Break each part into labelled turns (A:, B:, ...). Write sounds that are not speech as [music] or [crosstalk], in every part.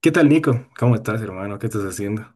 A: ¿Qué tal, Nico? ¿Cómo estás, hermano? ¿Qué estás haciendo?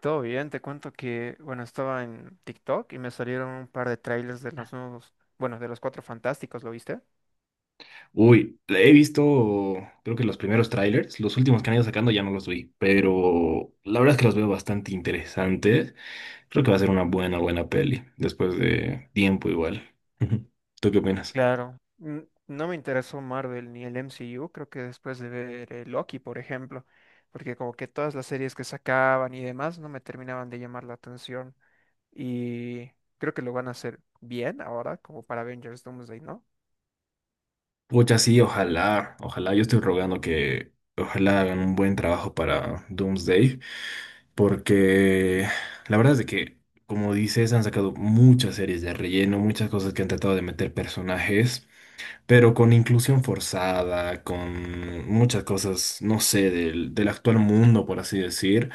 B: Todo bien, te cuento que, bueno, estaba en TikTok y me salieron un par de trailers de los nuevos, bueno, de los Cuatro Fantásticos, ¿lo viste?
A: Uy, he visto, creo que los primeros trailers, los últimos que han ido sacando ya no los vi, pero la verdad es que los veo bastante interesantes. Creo que va a ser una buena peli, después de tiempo igual. [laughs] ¿Tú qué opinas?
B: Claro. No me interesó Marvel ni el MCU, creo que después de ver Loki, por ejemplo, porque como que todas las series que sacaban y demás no me terminaban de llamar la atención y creo que lo van a hacer bien ahora, como para Avengers Doomsday, ¿no?
A: Pucha, sí, ojalá, yo estoy rogando que ojalá hagan un buen trabajo para Doomsday, porque la verdad es de que, como dices, han sacado muchas series de relleno, muchas cosas que han tratado de meter personajes, pero con inclusión forzada, con muchas cosas, no sé, del actual mundo, por así decir,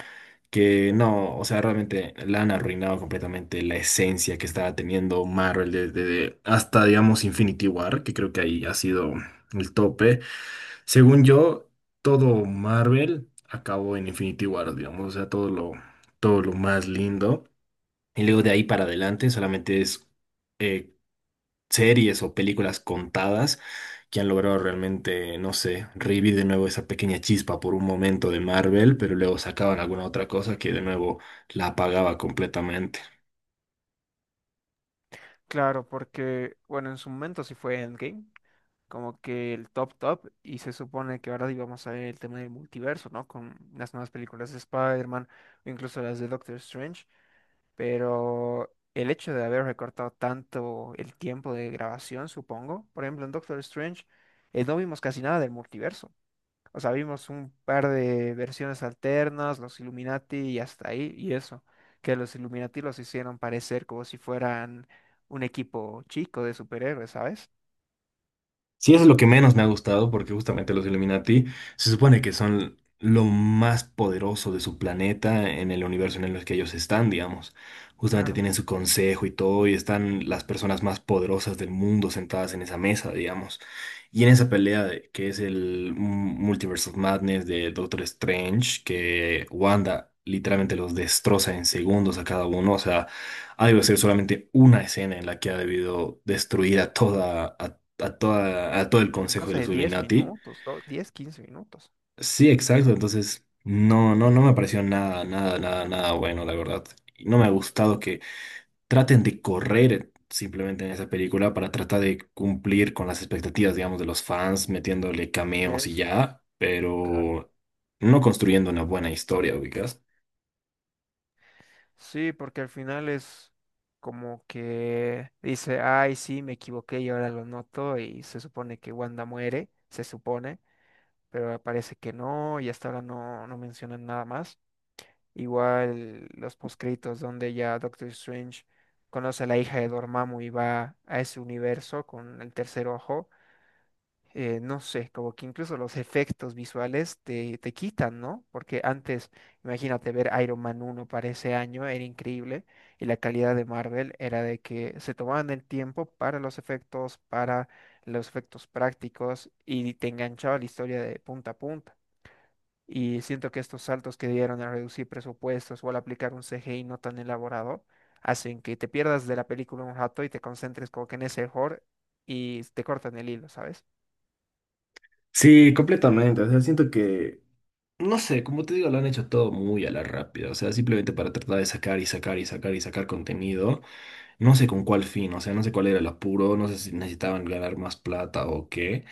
A: que no, o sea, realmente la han arruinado completamente la esencia que estaba teniendo Marvel desde hasta, digamos, Infinity War, que creo que ahí ha sido el tope. Según yo, todo Marvel acabó en Infinity War, digamos, o sea, todo lo más lindo. Y luego de ahí para adelante solamente es eh, series o películas contadas que han logrado realmente, no sé, revivir de nuevo esa pequeña chispa por un momento de Marvel, pero luego sacaban alguna otra cosa que de nuevo la apagaba completamente.
B: Claro, porque, bueno, en su momento sí fue Endgame, como que el top top, y se supone que ahora íbamos a ver el tema del multiverso, ¿no? Con las nuevas películas de Spider-Man, o incluso las de Doctor Strange, pero el hecho de haber recortado tanto el tiempo de grabación, supongo, por ejemplo, en Doctor Strange, no vimos casi nada del multiverso. O sea, vimos un par de versiones alternas, los Illuminati y hasta ahí, y eso, que los Illuminati los hicieron parecer como si fueran un equipo chico de superhéroes, ¿sabes?
A: Sí, eso es lo que menos me ha gustado, porque justamente los Illuminati se supone que son lo más poderoso de su planeta en el universo en el que ellos están, digamos. Justamente
B: Claro.
A: tienen su consejo y todo, y están las personas más poderosas del mundo sentadas en esa mesa, digamos. Y en esa que es el Multiverse of Madness de Doctor Strange, que Wanda literalmente los destroza en segundos a cada uno, o sea, ha debido ser solamente una escena en la que ha debido destruir a toda, a, toda, a todo el
B: En
A: consejo de
B: cosa
A: los
B: de 10
A: Illuminati.
B: minutos, ¿no? 10, 15 minutos.
A: Sí, exacto, entonces no, no, no me pareció nada bueno, la verdad. Y no me ha gustado que traten de correr simplemente en esa película para tratar de cumplir con las expectativas, digamos, de los fans, metiéndole
B: Y
A: cameos y
B: es,
A: ya,
B: claro.
A: pero no construyendo una buena historia, ubicas.
B: Sí, porque al final es como que dice, ay, sí, me equivoqué y ahora lo noto, y se supone que Wanda muere, se supone, pero parece que no, y hasta ahora no, no mencionan nada más. Igual los poscritos donde ya Doctor Strange conoce a la hija de Dormammu y va a ese universo con el tercer ojo. No sé, como que incluso los efectos visuales te quitan, ¿no? Porque antes, imagínate ver Iron Man uno para ese año, era increíble, y la calidad de Marvel era de que se tomaban el tiempo para los efectos prácticos, y te enganchaba la historia de punta a punta. Y siento que estos saltos que dieron al reducir presupuestos o al aplicar un CGI no tan elaborado hacen que te pierdas de la película un rato y te concentres como que en ese horror y te cortan el hilo, ¿sabes?
A: Sí, completamente. O sea, siento que no sé, como te digo, lo han hecho todo muy a la rápida, o sea, simplemente para tratar de sacar y sacar y sacar y sacar contenido. No sé con cuál fin, o sea, no sé cuál era el apuro, no sé si necesitaban ganar más plata o qué,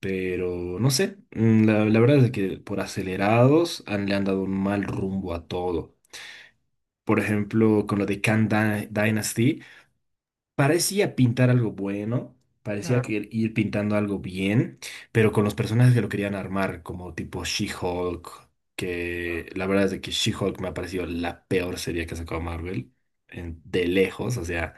A: pero no sé, la verdad es que por acelerados han, le han dado un mal rumbo a todo. Por ejemplo, con lo de Dynasty. Parecía pintar algo bueno, parecía
B: Claro.
A: que ir pintando algo bien, pero con los personajes que lo querían armar, como tipo She-Hulk, que la verdad es de que She-Hulk me ha parecido la peor serie que ha sacado Marvel, de lejos, o sea,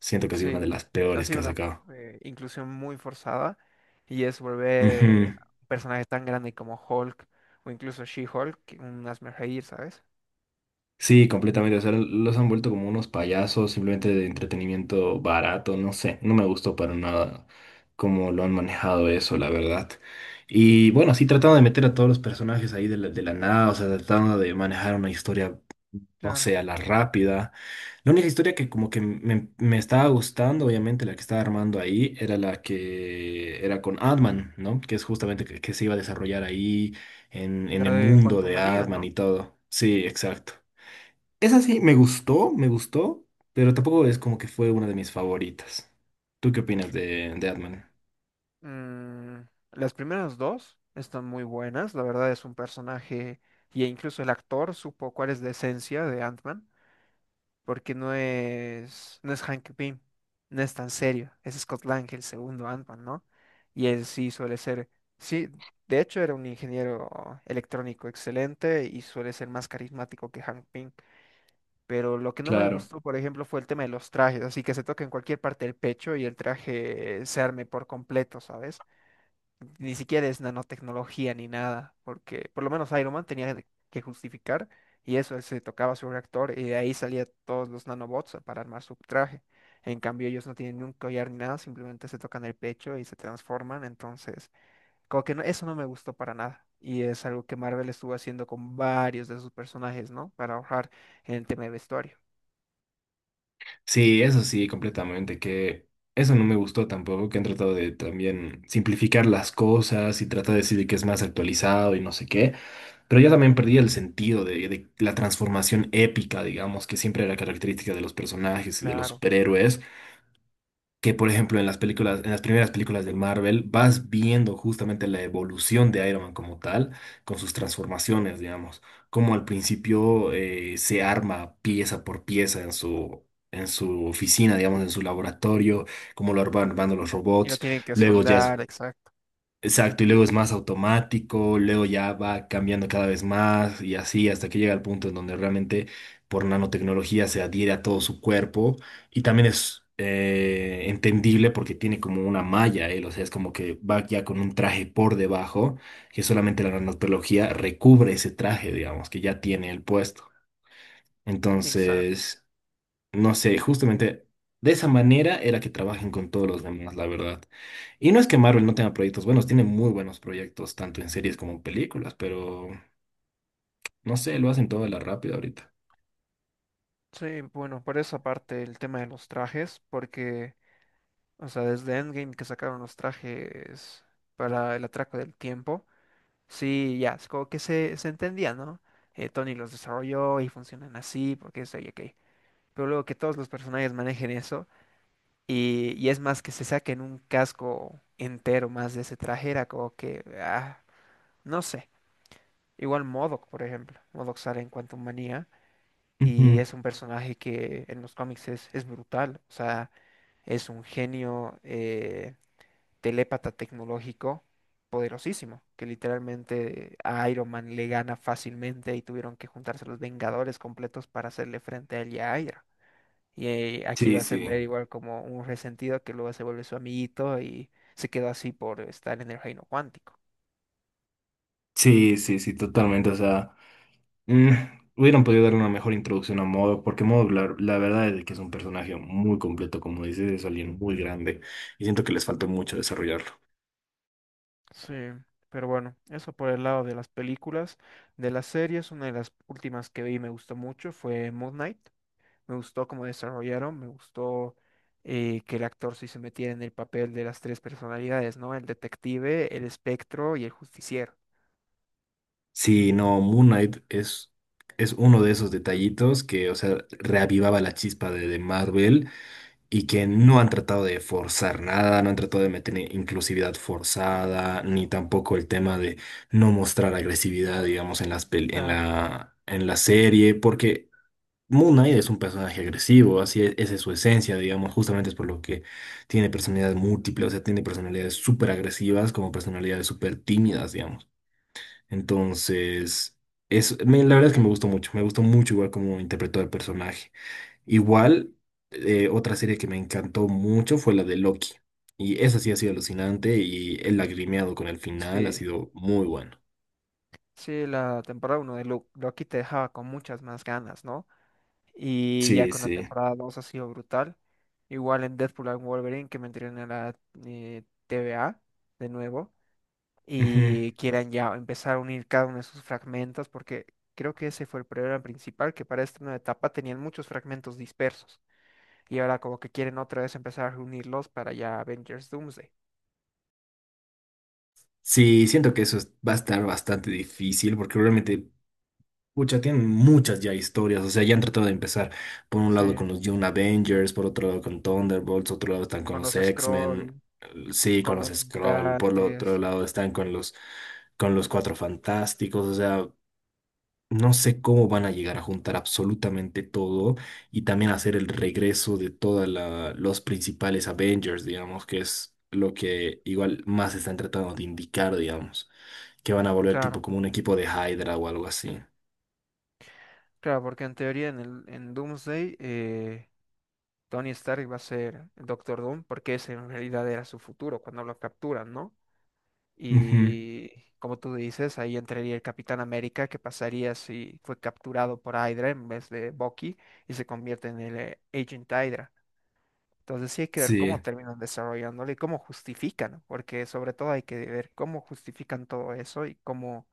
A: siento que ha sido una de
B: Sí,
A: las
B: ha
A: peores que
B: sido
A: ha
B: una
A: sacado.
B: inclusión muy forzada y es volver
A: Ujú.
B: a un personaje tan grande como Hulk o incluso She-Hulk, que un hazme reír, ¿sabes?
A: Sí, completamente. O sea, los han vuelto como unos payasos, simplemente de entretenimiento barato, no sé. No me gustó para nada cómo lo han manejado eso, la verdad. Y bueno, sí, tratando de meter a todos los personajes ahí de la nada, o sea, tratando de manejar una historia, no
B: Claro.
A: sé, a la rápida. La única historia que como que me estaba gustando, obviamente, la que estaba armando ahí, era la que era con Adman, ¿no? Que es justamente que se iba a desarrollar ahí en
B: La
A: el
B: de
A: mundo
B: Quantum
A: de
B: Manía,
A: Adman
B: ¿no?
A: y todo. Sí, exacto. Esa sí, me gustó, pero tampoco es como que fue una de mis favoritas. ¿Tú qué opinas de Ant-Man?
B: Mm, las primeras dos están muy buenas, la verdad es un personaje y incluso el actor supo cuál es la esencia de Ant-Man, porque no es, no es Hank Pym, no es tan serio, es Scott Lang, el segundo Ant-Man, ¿no? Y él sí suele ser, sí, de hecho era un ingeniero electrónico excelente y suele ser más carismático que Hank Pym, pero lo que no me
A: Claro.
B: gustó, por ejemplo, fue el tema de los trajes, así que se toca en cualquier parte del pecho y el traje se arme por completo, ¿sabes? Ni siquiera es nanotecnología ni nada, porque por lo menos Iron Man tenía que justificar y eso, él se tocaba su reactor y de ahí salía todos los nanobots para armar su traje. En cambio, ellos no tienen ni un collar ni nada, simplemente se tocan el pecho y se transforman, entonces, como que no, eso no me gustó para nada. Y es algo que Marvel estuvo haciendo con varios de sus personajes, ¿no? Para ahorrar en el tema de vestuario.
A: Sí, eso sí, completamente, que eso no me gustó tampoco, que han tratado de también simplificar las cosas y tratar de decir que es más actualizado y no sé qué, pero yo también perdí el sentido de la transformación épica, digamos, que siempre era característica de los personajes y de los
B: Claro.
A: superhéroes, que por ejemplo en las películas, en las primeras películas de Marvel, vas viendo justamente la evolución de Iron Man como tal, con sus transformaciones, digamos, como al principio se arma pieza por pieza en en su oficina, digamos, en su laboratorio, cómo lo van armando los
B: Y lo
A: robots,
B: tienen que
A: luego ya es
B: soldar, exacto.
A: exacto, y luego es más automático, luego ya va cambiando cada vez más y así hasta que llega al punto en donde realmente por nanotecnología se adhiere a todo su cuerpo y también es entendible porque tiene como una malla, él, o sea, es como que va ya con un traje por debajo que solamente la nanotecnología recubre ese traje, digamos, que ya tiene el puesto.
B: Exacto.
A: Entonces, no sé, justamente de esa manera era que trabajen con todos los demás, la verdad. Y no es que Marvel no tenga proyectos buenos, tiene muy buenos proyectos, tanto en series como en películas, pero no sé, lo hacen todo a la rápida ahorita.
B: Sí, bueno, por esa parte el tema de los trajes, porque o sea, desde Endgame que sacaron los trajes para el atraco del tiempo. Sí, ya, es como que se entendía, ¿no? Tony los desarrolló y funcionan así, porque es ok. Pero luego que todos los personajes manejen eso, y es más que se saquen un casco entero más de ese traje, era como que, ah, no sé. Igual MODOK, por ejemplo. MODOK sale en Quantum Manía, y
A: Ujú.
B: es un personaje que en los cómics es brutal. O sea, es un genio. Telépata tecnológico poderosísimo, que literalmente a Iron Man le gana fácilmente y tuvieron que juntarse los Vengadores completos para hacerle frente a él y a Hydra. Y aquí
A: Sí,
B: lo hacen
A: sí,
B: ver igual como un resentido que luego se vuelve su amiguito y se quedó así por estar en el reino cuántico.
A: sí, totalmente. O sea, mm, hubieran podido dar una mejor introducción a Modo, porque Modo, la verdad es que es un personaje muy completo, como dices, es alguien muy grande, y siento que les faltó mucho desarrollarlo.
B: Sí, pero bueno, eso por el lado de las películas. De las series, una de las últimas que vi y me gustó mucho fue Moon Knight. Me gustó cómo desarrollaron, me gustó que el actor sí se metiera en el papel de las tres personalidades, ¿no? El detective, el espectro y el justiciero.
A: Sí, no, Moon Knight es uno de esos detallitos que, o sea, reavivaba la chispa de Marvel y que no han tratado de forzar nada, no han tratado de meter inclusividad forzada, ni tampoco el tema de no mostrar agresividad, digamos, en en
B: Claro.
A: en la serie, porque Moon Knight es un personaje agresivo, así es, esa es su esencia, digamos, justamente es por lo que tiene personalidades múltiples, o sea, tiene personalidades súper agresivas como personalidades súper tímidas, digamos. Entonces, la verdad es que me gustó mucho igual cómo interpretó el personaje. Igual, otra serie que me encantó mucho fue la de Loki. Y esa sí ha sido alucinante y el lagrimeado con el final ha
B: Sí,
A: sido muy bueno.
B: sí, la temporada uno de Loki te dejaba con muchas más ganas, ¿no? Y ya
A: Sí,
B: con la
A: sí.
B: temporada 2 ha sido brutal. Igual en Deadpool and Wolverine que me entrené en la TVA de nuevo.
A: Ujú.
B: Y quieran ya empezar a unir cada uno de sus fragmentos, porque creo que ese fue el problema principal, que para esta nueva etapa tenían muchos fragmentos dispersos y ahora como que quieren otra vez empezar a reunirlos para ya Avengers Doomsday.
A: Sí, siento que va a estar bastante difícil porque realmente pucha, tienen muchas ya historias, o sea, ya han tratado de empezar por un
B: Sí,
A: lado con los Young Avengers, por otro lado con Thunderbolts, otro lado están con
B: con
A: los
B: los
A: X-Men,
B: scroll,
A: sí, con
B: con
A: los
B: los
A: Skrull, por el otro
B: mutantes,
A: lado están con con los Cuatro Fantásticos, o sea, no sé cómo van a llegar a juntar absolutamente todo y también hacer el regreso de todos los principales Avengers, digamos, que es lo que igual más están tratando de indicar, digamos, que van a volver tipo
B: claro,
A: como un equipo de Hydra o algo así.
B: claro, porque en teoría en Doomsday Tony Stark va a ser el Doctor Doom, porque ese en realidad era su futuro cuando lo capturan, ¿no?
A: Ujú.
B: Y como tú dices, ahí entraría el Capitán América, que pasaría si fue capturado por Hydra en vez de Bucky y se convierte en el Agent Hydra. Entonces sí hay que ver
A: Sí,
B: cómo terminan desarrollándolo y cómo justifican, ¿no? Porque sobre todo hay que ver cómo justifican todo eso y cómo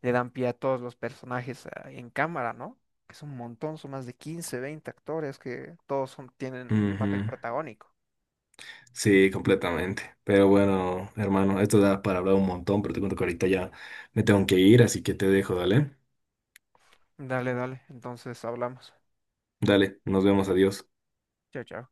B: le dan pie a todos los personajes en cámara, ¿no? Que es un montón, son más de 15 20 actores que todos tienen un papel
A: ujú,
B: protagónico.
A: sí, completamente. Pero bueno, hermano, esto da para hablar un montón, pero te cuento que ahorita ya me tengo que ir, así que te dejo, dale.
B: Dale, dale, entonces hablamos.
A: Dale, nos vemos, adiós.
B: Chao, chao.